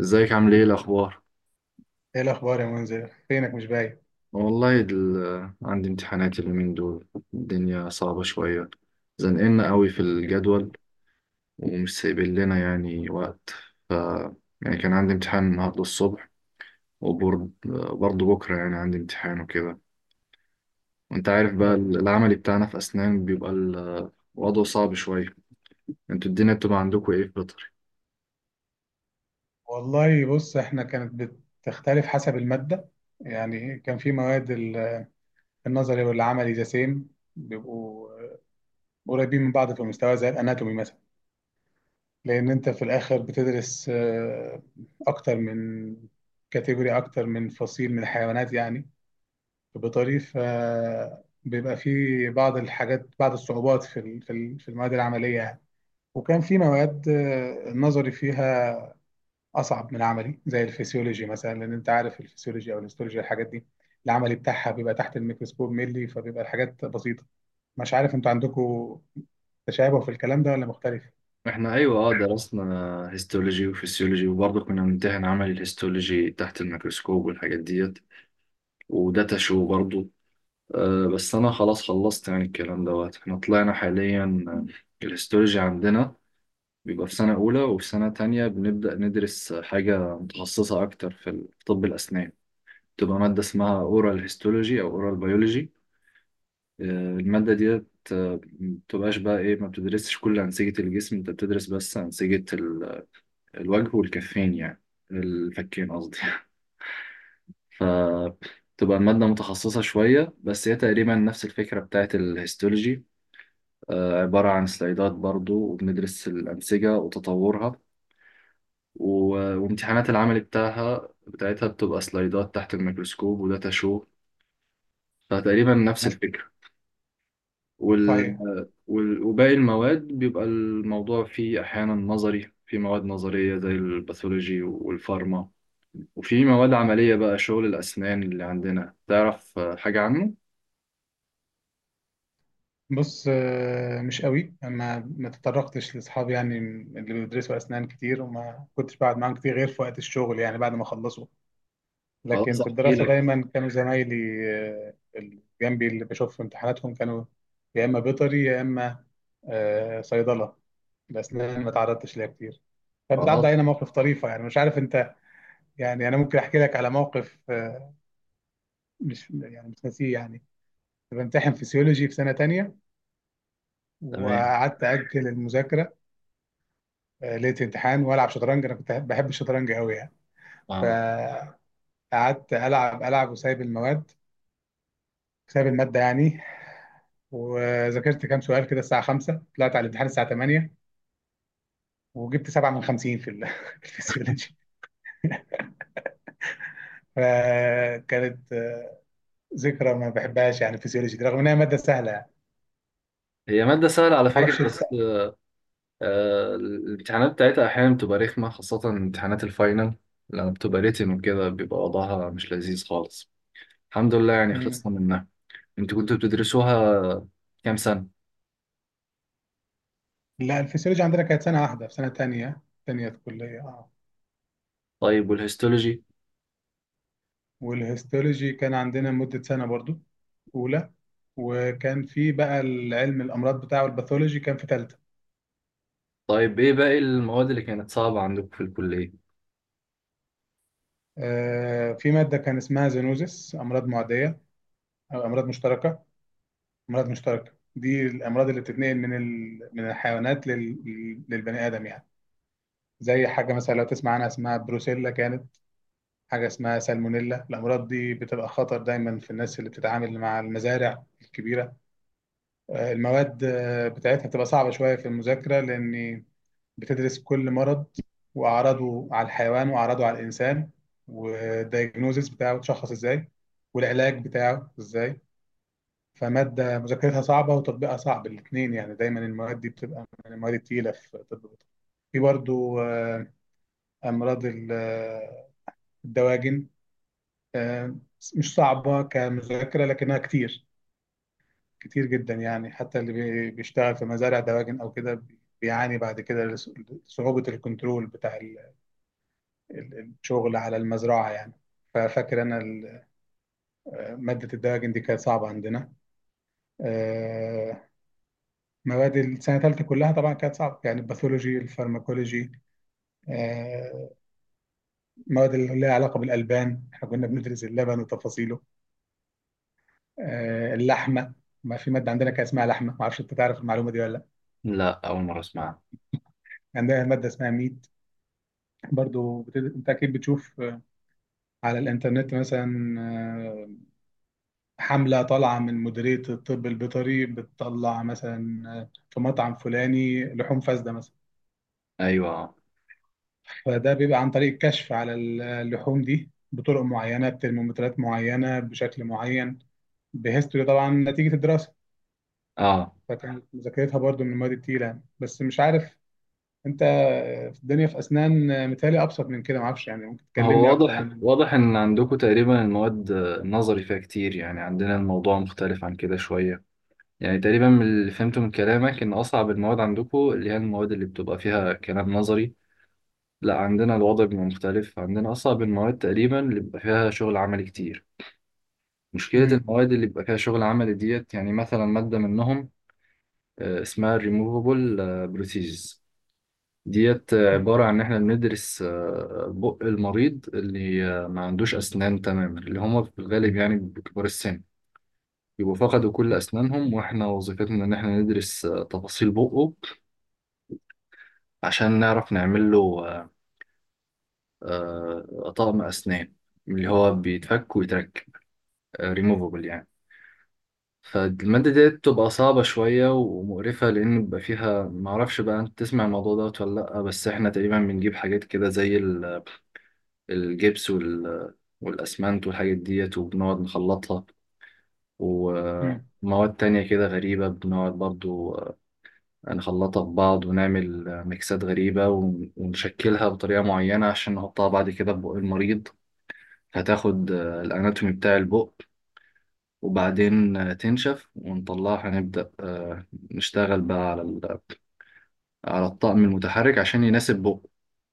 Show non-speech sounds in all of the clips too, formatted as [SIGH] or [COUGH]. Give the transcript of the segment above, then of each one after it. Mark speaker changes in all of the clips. Speaker 1: ازيك، عامل ايه الاخبار؟
Speaker 2: ايه الاخبار يا منذر؟ فينك مش باين؟
Speaker 1: والله عندي امتحانات اليومين دول. الدنيا صعبة شوية، زنقلنا قوي في الجدول ومش سايبين لنا يعني وقت. ف يعني كان عندي امتحان النهاردة الصبح، وبرضه بكرة يعني عندي امتحان وكده. وانت عارف
Speaker 2: يا
Speaker 1: بقى
Speaker 2: رب.
Speaker 1: العملي بتاعنا في اسنان بيبقى الوضع صعب شوية. انتوا الدنيا بتبقى عندكم ايه في بيطري؟
Speaker 2: والله، بص، احنا كانت بتختلف حسب الماده. يعني كان في مواد النظري والعملي ذا سيم، بيبقوا قريبين من بعض في المستوى زي الاناتومي مثلا، لان انت في الاخر بتدرس اكتر من كاتيجوري، اكتر من فصيل من الحيوانات يعني، بطريقه بيبقى في بعض الحاجات، بعض الصعوبات في المواد العمليه يعني. وكان في مواد النظري فيها اصعب من عملي زي الفسيولوجي مثلا، لان انت عارف الفسيولوجي او الهيستولوجي، الحاجات دي العملي بتاعها بيبقى تحت الميكروسكوب ملي، فبيبقى الحاجات بسيطه. مش عارف انتوا عندكم تشابه في الكلام ده ولا مختلف؟
Speaker 1: احنا ايوه اه درسنا هيستولوجي وفسيولوجي، وبرضه كنا بنمتحن عملي الهيستولوجي تحت الميكروسكوب والحاجات ديت وداتا شو برضو. بس انا خلاص خلصت يعني الكلام دوت. احنا طلعنا حاليا، الهيستولوجي عندنا بيبقى في سنة أولى، وفي سنة تانية بنبدأ ندرس حاجة متخصصة أكتر في في طب الأسنان. بتبقى مادة اسمها أورال هيستولوجي أو أورال بيولوجي. المادة ديت، مبتبقاش بقى إيه، ما بتدرسش كل أنسجة الجسم، أنت بتدرس بس أنسجة الوجه والكفين يعني، الفكين قصدي [LAUGHS] فتبقى المادة متخصصة شوية، بس هي تقريبا نفس الفكرة بتاعت الهيستولوجي. عبارة عن سلايدات برضو، وبندرس الأنسجة وتطورها. وامتحانات العمل بتاعتها بتبقى سلايدات تحت الميكروسكوب وداتا شو، فتقريبا نفس
Speaker 2: ناس-
Speaker 1: الفكرة. وال...
Speaker 2: صحيح.
Speaker 1: وباقي المواد بيبقى الموضوع فيه أحيانا نظري، في مواد نظرية زي الباثولوجي والفارما، وفي مواد عملية بقى شغل الأسنان اللي عندنا. تعرف حاجة عنه؟
Speaker 2: بص، مش قوي، انا ما تطرقتش لاصحابي يعني اللي بيدرسوا اسنان كتير، وما كنتش بقعد معاهم كتير غير في وقت الشغل يعني بعد ما خلصوا. لكن
Speaker 1: خلاص
Speaker 2: في
Speaker 1: أحكي
Speaker 2: الدراسه
Speaker 1: لك.
Speaker 2: دايما كانوا زمايلي، اللي جنبي، اللي بشوف في امتحاناتهم، كانوا يا اما بيطري يا اما صيدله. الأسنان ما تعرضتش ليها كتير. كانت بتعدي
Speaker 1: خلاص.
Speaker 2: علينا مواقف طريفة، يعني مش عارف أنت. يعني أنا ممكن أحكي لك على موقف، مش يعني مش ناسيه يعني. كنت بمتحن فيسيولوجي في سنة تانية
Speaker 1: تمام.
Speaker 2: وقعدت أجل المذاكرة. ليلة امتحان وألعب شطرنج، أنا كنت بحب الشطرنج أوي يعني.
Speaker 1: آه.
Speaker 2: فقعدت ألعب وسايب المواد، سايب المادة يعني، وذاكرت كام سؤال كده الساعة 5، طلعت على الامتحان الساعة 8، وجبت 7 من 50 [LAUGHS] في الفسيولوجي. فكانت ذكرى ما بحبهاش يعني، فيسيولوجي دي رغم انها ماده سهله يعني،
Speaker 1: هي مادة سهلة على
Speaker 2: ما
Speaker 1: فكرة،
Speaker 2: اعرفش لسه.
Speaker 1: بس آه الامتحانات بتاعتها أحيانا بتبقى رخمة، خاصة امتحانات الفاينل. لما بتبقى ريتن وكده بيبقى وضعها مش لذيذ خالص. الحمد لله يعني
Speaker 2: مم.
Speaker 1: خلصنا منها. انتوا كنتوا بتدرسوها كام سنة؟
Speaker 2: لا الفيسيولوجي عندنا كانت سنه واحده في سنه تانية، تانية كليه اه.
Speaker 1: طيب والهيستولوجي؟
Speaker 2: والهيستولوجي كان عندنا مده سنه برضو، اولى. وكان في بقى العلم الامراض بتاعه الباثولوجي كان في ثالثه.
Speaker 1: طيب ايه باقي المواد اللي كانت صعبة عندكم في الكلية؟
Speaker 2: في ماده كان اسمها زينوزس، امراض معديه او امراض مشتركه. امراض مشتركه دي الامراض اللي بتتنقل من الحيوانات للبني ادم يعني. زي حاجه مثلا لو تسمع عنها اسمها بروسيلا، كانت حاجة اسمها سالمونيلا. الأمراض دي بتبقى خطر دايما في الناس اللي بتتعامل مع المزارع الكبيرة. المواد بتاعتها بتبقى صعبة شوية في المذاكرة، لأن بتدرس كل مرض وأعراضه على الحيوان وأعراضه على الإنسان، والدايجنوزيس بتاعه تشخص إزاي، والعلاج بتاعه إزاي. فمادة مذاكرتها صعبة وتطبيقها صعب الاتنين يعني، دايما المواد دي بتبقى من المواد التقيلة في طب البيطري. في برضو أمراض الدواجن، آه، مش صعبة كمذاكرة لكنها كتير، كتير جدا يعني. حتى اللي بيشتغل في مزارع دواجن أو كده بيعاني بعد كده، صعوبة الكنترول بتاع الشغل على المزرعة يعني. ففاكر أنا مادة الدواجن دي كانت صعبة عندنا. آه، مواد السنة الثالثة كلها طبعا كانت صعبة يعني، الباثولوجي، الفارماكولوجي، آه، مواد اللي لها علاقة بالألبان، احنا كنا بندرس اللبن وتفاصيله، اللحمة. ما في مادة عندنا كان اسمها لحمة، ما أعرفش أنت تعرف المعلومة دي ولا لأ.
Speaker 1: لا، أول مرة أسمعها.
Speaker 2: عندها مادة اسمها ميت، برضو انت اكيد بتشوف على الانترنت مثلا، حملة طالعة من مديرية الطب البيطري بتطلع مثلا في مطعم فلاني لحوم فاسدة مثلا.
Speaker 1: أيوة.
Speaker 2: فده بيبقى عن طريق الكشف على اللحوم دي بطرق معينة، بترمومترات معينة، بشكل معين، بهيستوري طبعا نتيجة الدراسة.
Speaker 1: آه.
Speaker 2: فكانت مذاكرتها برضو من المواد التقيلة يعني. بس مش عارف انت، في الدنيا في أسنان متهيألي أبسط من كده، معرفش يعني، ممكن
Speaker 1: هو
Speaker 2: تكلمني أكتر
Speaker 1: واضح
Speaker 2: عن.
Speaker 1: واضح إن عندكم تقريبا المواد، النظري فيها كتير، يعني عندنا الموضوع مختلف عن كده شوية. يعني تقريبا من اللي فهمته من كلامك إن أصعب المواد عندكم اللي هي المواد اللي بتبقى فيها كلام نظري. لا، عندنا الوضع بيبقى مختلف، عندنا أصعب المواد تقريبا اللي بيبقى فيها شغل عملي كتير. مشكلة
Speaker 2: مم.
Speaker 1: المواد اللي بيبقى فيها شغل عملي ديت، يعني مثلا مادة منهم اسمها Removable Prosthesis. ديت عبارة عن إن إحنا بندرس بق المريض اللي ما عندوش أسنان تماما، اللي هما في الغالب يعني بكبار السن، يبقوا فقدوا كل أسنانهم. وإحنا وظيفتنا إن إحنا ندرس تفاصيل بقه عشان نعرف نعمل له طقم أسنان، اللي هو بيتفك ويتركب، ريموفبل يعني. فالمادة دي بتبقى صعبة شوية ومقرفة، لأن بيبقى فيها معرفش بقى أنت تسمع الموضوع دوت ولا لأ، بس إحنا تقريبا بنجيب حاجات كده زي الجبس والأسمنت والحاجات ديت، وبنقعد نخلطها.
Speaker 2: مم.
Speaker 1: ومواد تانية كده غريبة بنقعد برضو، نخلطها في بعض ونعمل ميكسات غريبة، ونشكلها بطريقة معينة عشان نحطها بعد كده في بق المريض. هتاخد الاناتومي بتاع البق، وبعدين تنشف ونطلعها، هنبدأ نشتغل بقى على على الطقم المتحرك عشان يناسب بق.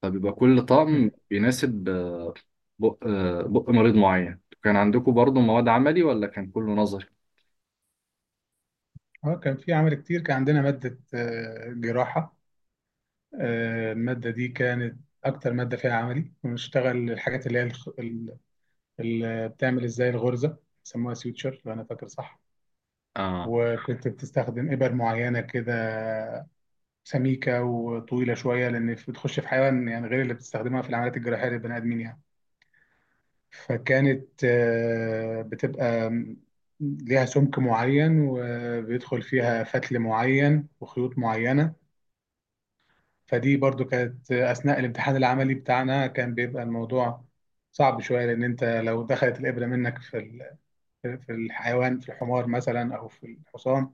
Speaker 1: فبيبقى كل طقم
Speaker 2: مم.
Speaker 1: بيناسب بق مريض معين. كان عندكم برضو مواد عملي ولا كان كله نظري؟
Speaker 2: اه كان في عمل كتير. كان عندنا مادة جراحة، المادة دي كانت أكتر مادة فيها عملي، ونشتغل الحاجات اللي هي بتعمل إزاي الغرزة، بيسموها سيوتشر لو أنا فاكر صح.
Speaker 1: اه.
Speaker 2: وكنت بتستخدم إبر معينة كده، سميكة وطويلة شوية، لأن بتخش في حيوان يعني، غير اللي بتستخدمها في العمليات الجراحية للبني آدمين يعني. فكانت بتبقى ليها سمك معين، وبيدخل فيها فتل معين وخيوط معينة. فدي برضو كانت أثناء الامتحان العملي بتاعنا، كان بيبقى الموضوع صعب شوية، لأن أنت لو دخلت الإبرة منك في الحيوان، في الحمار مثلا أو في الحصان،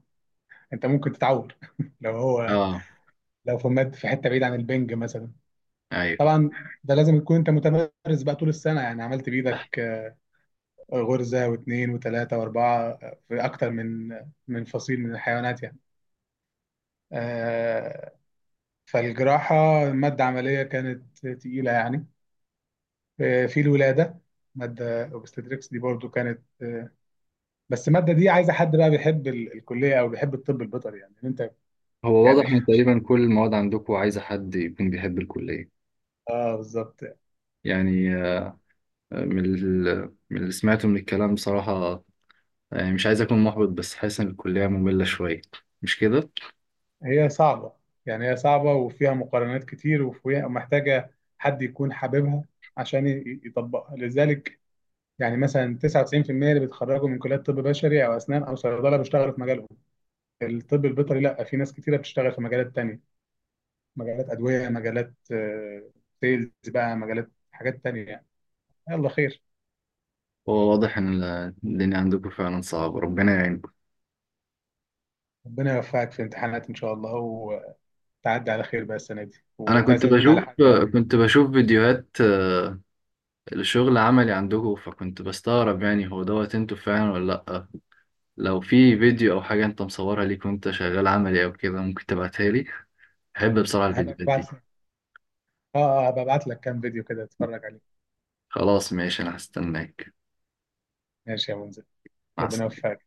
Speaker 2: أنت ممكن تتعور [LAUGHS] لو هو
Speaker 1: اه.
Speaker 2: لو في مد في حتة بعيد عن البنج مثلا.
Speaker 1: ايوه.
Speaker 2: طبعا ده لازم تكون أنت متمرس بقى طول السنة، يعني عملت بإيدك غرزة واثنين وثلاثة وأربعة في أكتر من فصيل من الحيوانات يعني. آه، فالجراحة مادة عملية كانت تقيلة يعني. في الولادة مادة اوبستريكس دي برضو كانت بس المادة دي عايزة حد بقى بيحب الكلية أو بيحب الطب البيطري، يعني إن أنت
Speaker 1: هو واضح
Speaker 2: يعني
Speaker 1: ان
Speaker 2: [LAUGHS]
Speaker 1: تقريبا كل المواد عندكم عايزه حد يكون بيحب الكليه.
Speaker 2: آه بالظبط.
Speaker 1: يعني من من اللي سمعته من الكلام بصراحه، يعني مش عايز أكون محبط، بس حاسس إن الكلية مملة شوية، مش كده؟
Speaker 2: هي صعبة يعني، هي صعبة وفيها مقارنات كتير، وفيها محتاجة حد يكون حاببها عشان يطبقها، لذلك يعني مثلا 99% اللي بيتخرجوا من كليات طب بشري أو أسنان أو صيدلة بيشتغلوا في مجالهم. الطب البيطري لا، في ناس كتيرة بتشتغل في مجالات تانية، مجالات أدوية، مجالات سيلز بقى، مجالات حاجات تانية يعني. يلا خير،
Speaker 1: هو واضح إن الدنيا عندكم فعلا صعبة، ربنا يعينكم.
Speaker 2: ربنا يوفقك في امتحانات ان شاء الله، وتعدي على خير بقى السنه دي
Speaker 1: أنا كنت
Speaker 2: وتعزمنا على
Speaker 1: بشوف
Speaker 2: حاجه لو.
Speaker 1: كنت بشوف فيديوهات الشغل عملي عندكم، فكنت بستغرب يعني هو دوت أنتوا فعلا ولا لأ. لو في فيديو أو حاجة أنت مصورها ليك وأنت شغال عملي أو كده، ممكن تبعتها لي، بحب بصراحة
Speaker 2: هبقى
Speaker 1: الفيديوهات دي.
Speaker 2: ابعت لك اه، هبقى ابعت لك كام فيديو كده تتفرج عليه.
Speaker 1: خلاص ماشي، أنا هستناك.
Speaker 2: ماشي يا منزل،
Speaker 1: مع
Speaker 2: ربنا
Speaker 1: السلامة.
Speaker 2: يوفقك.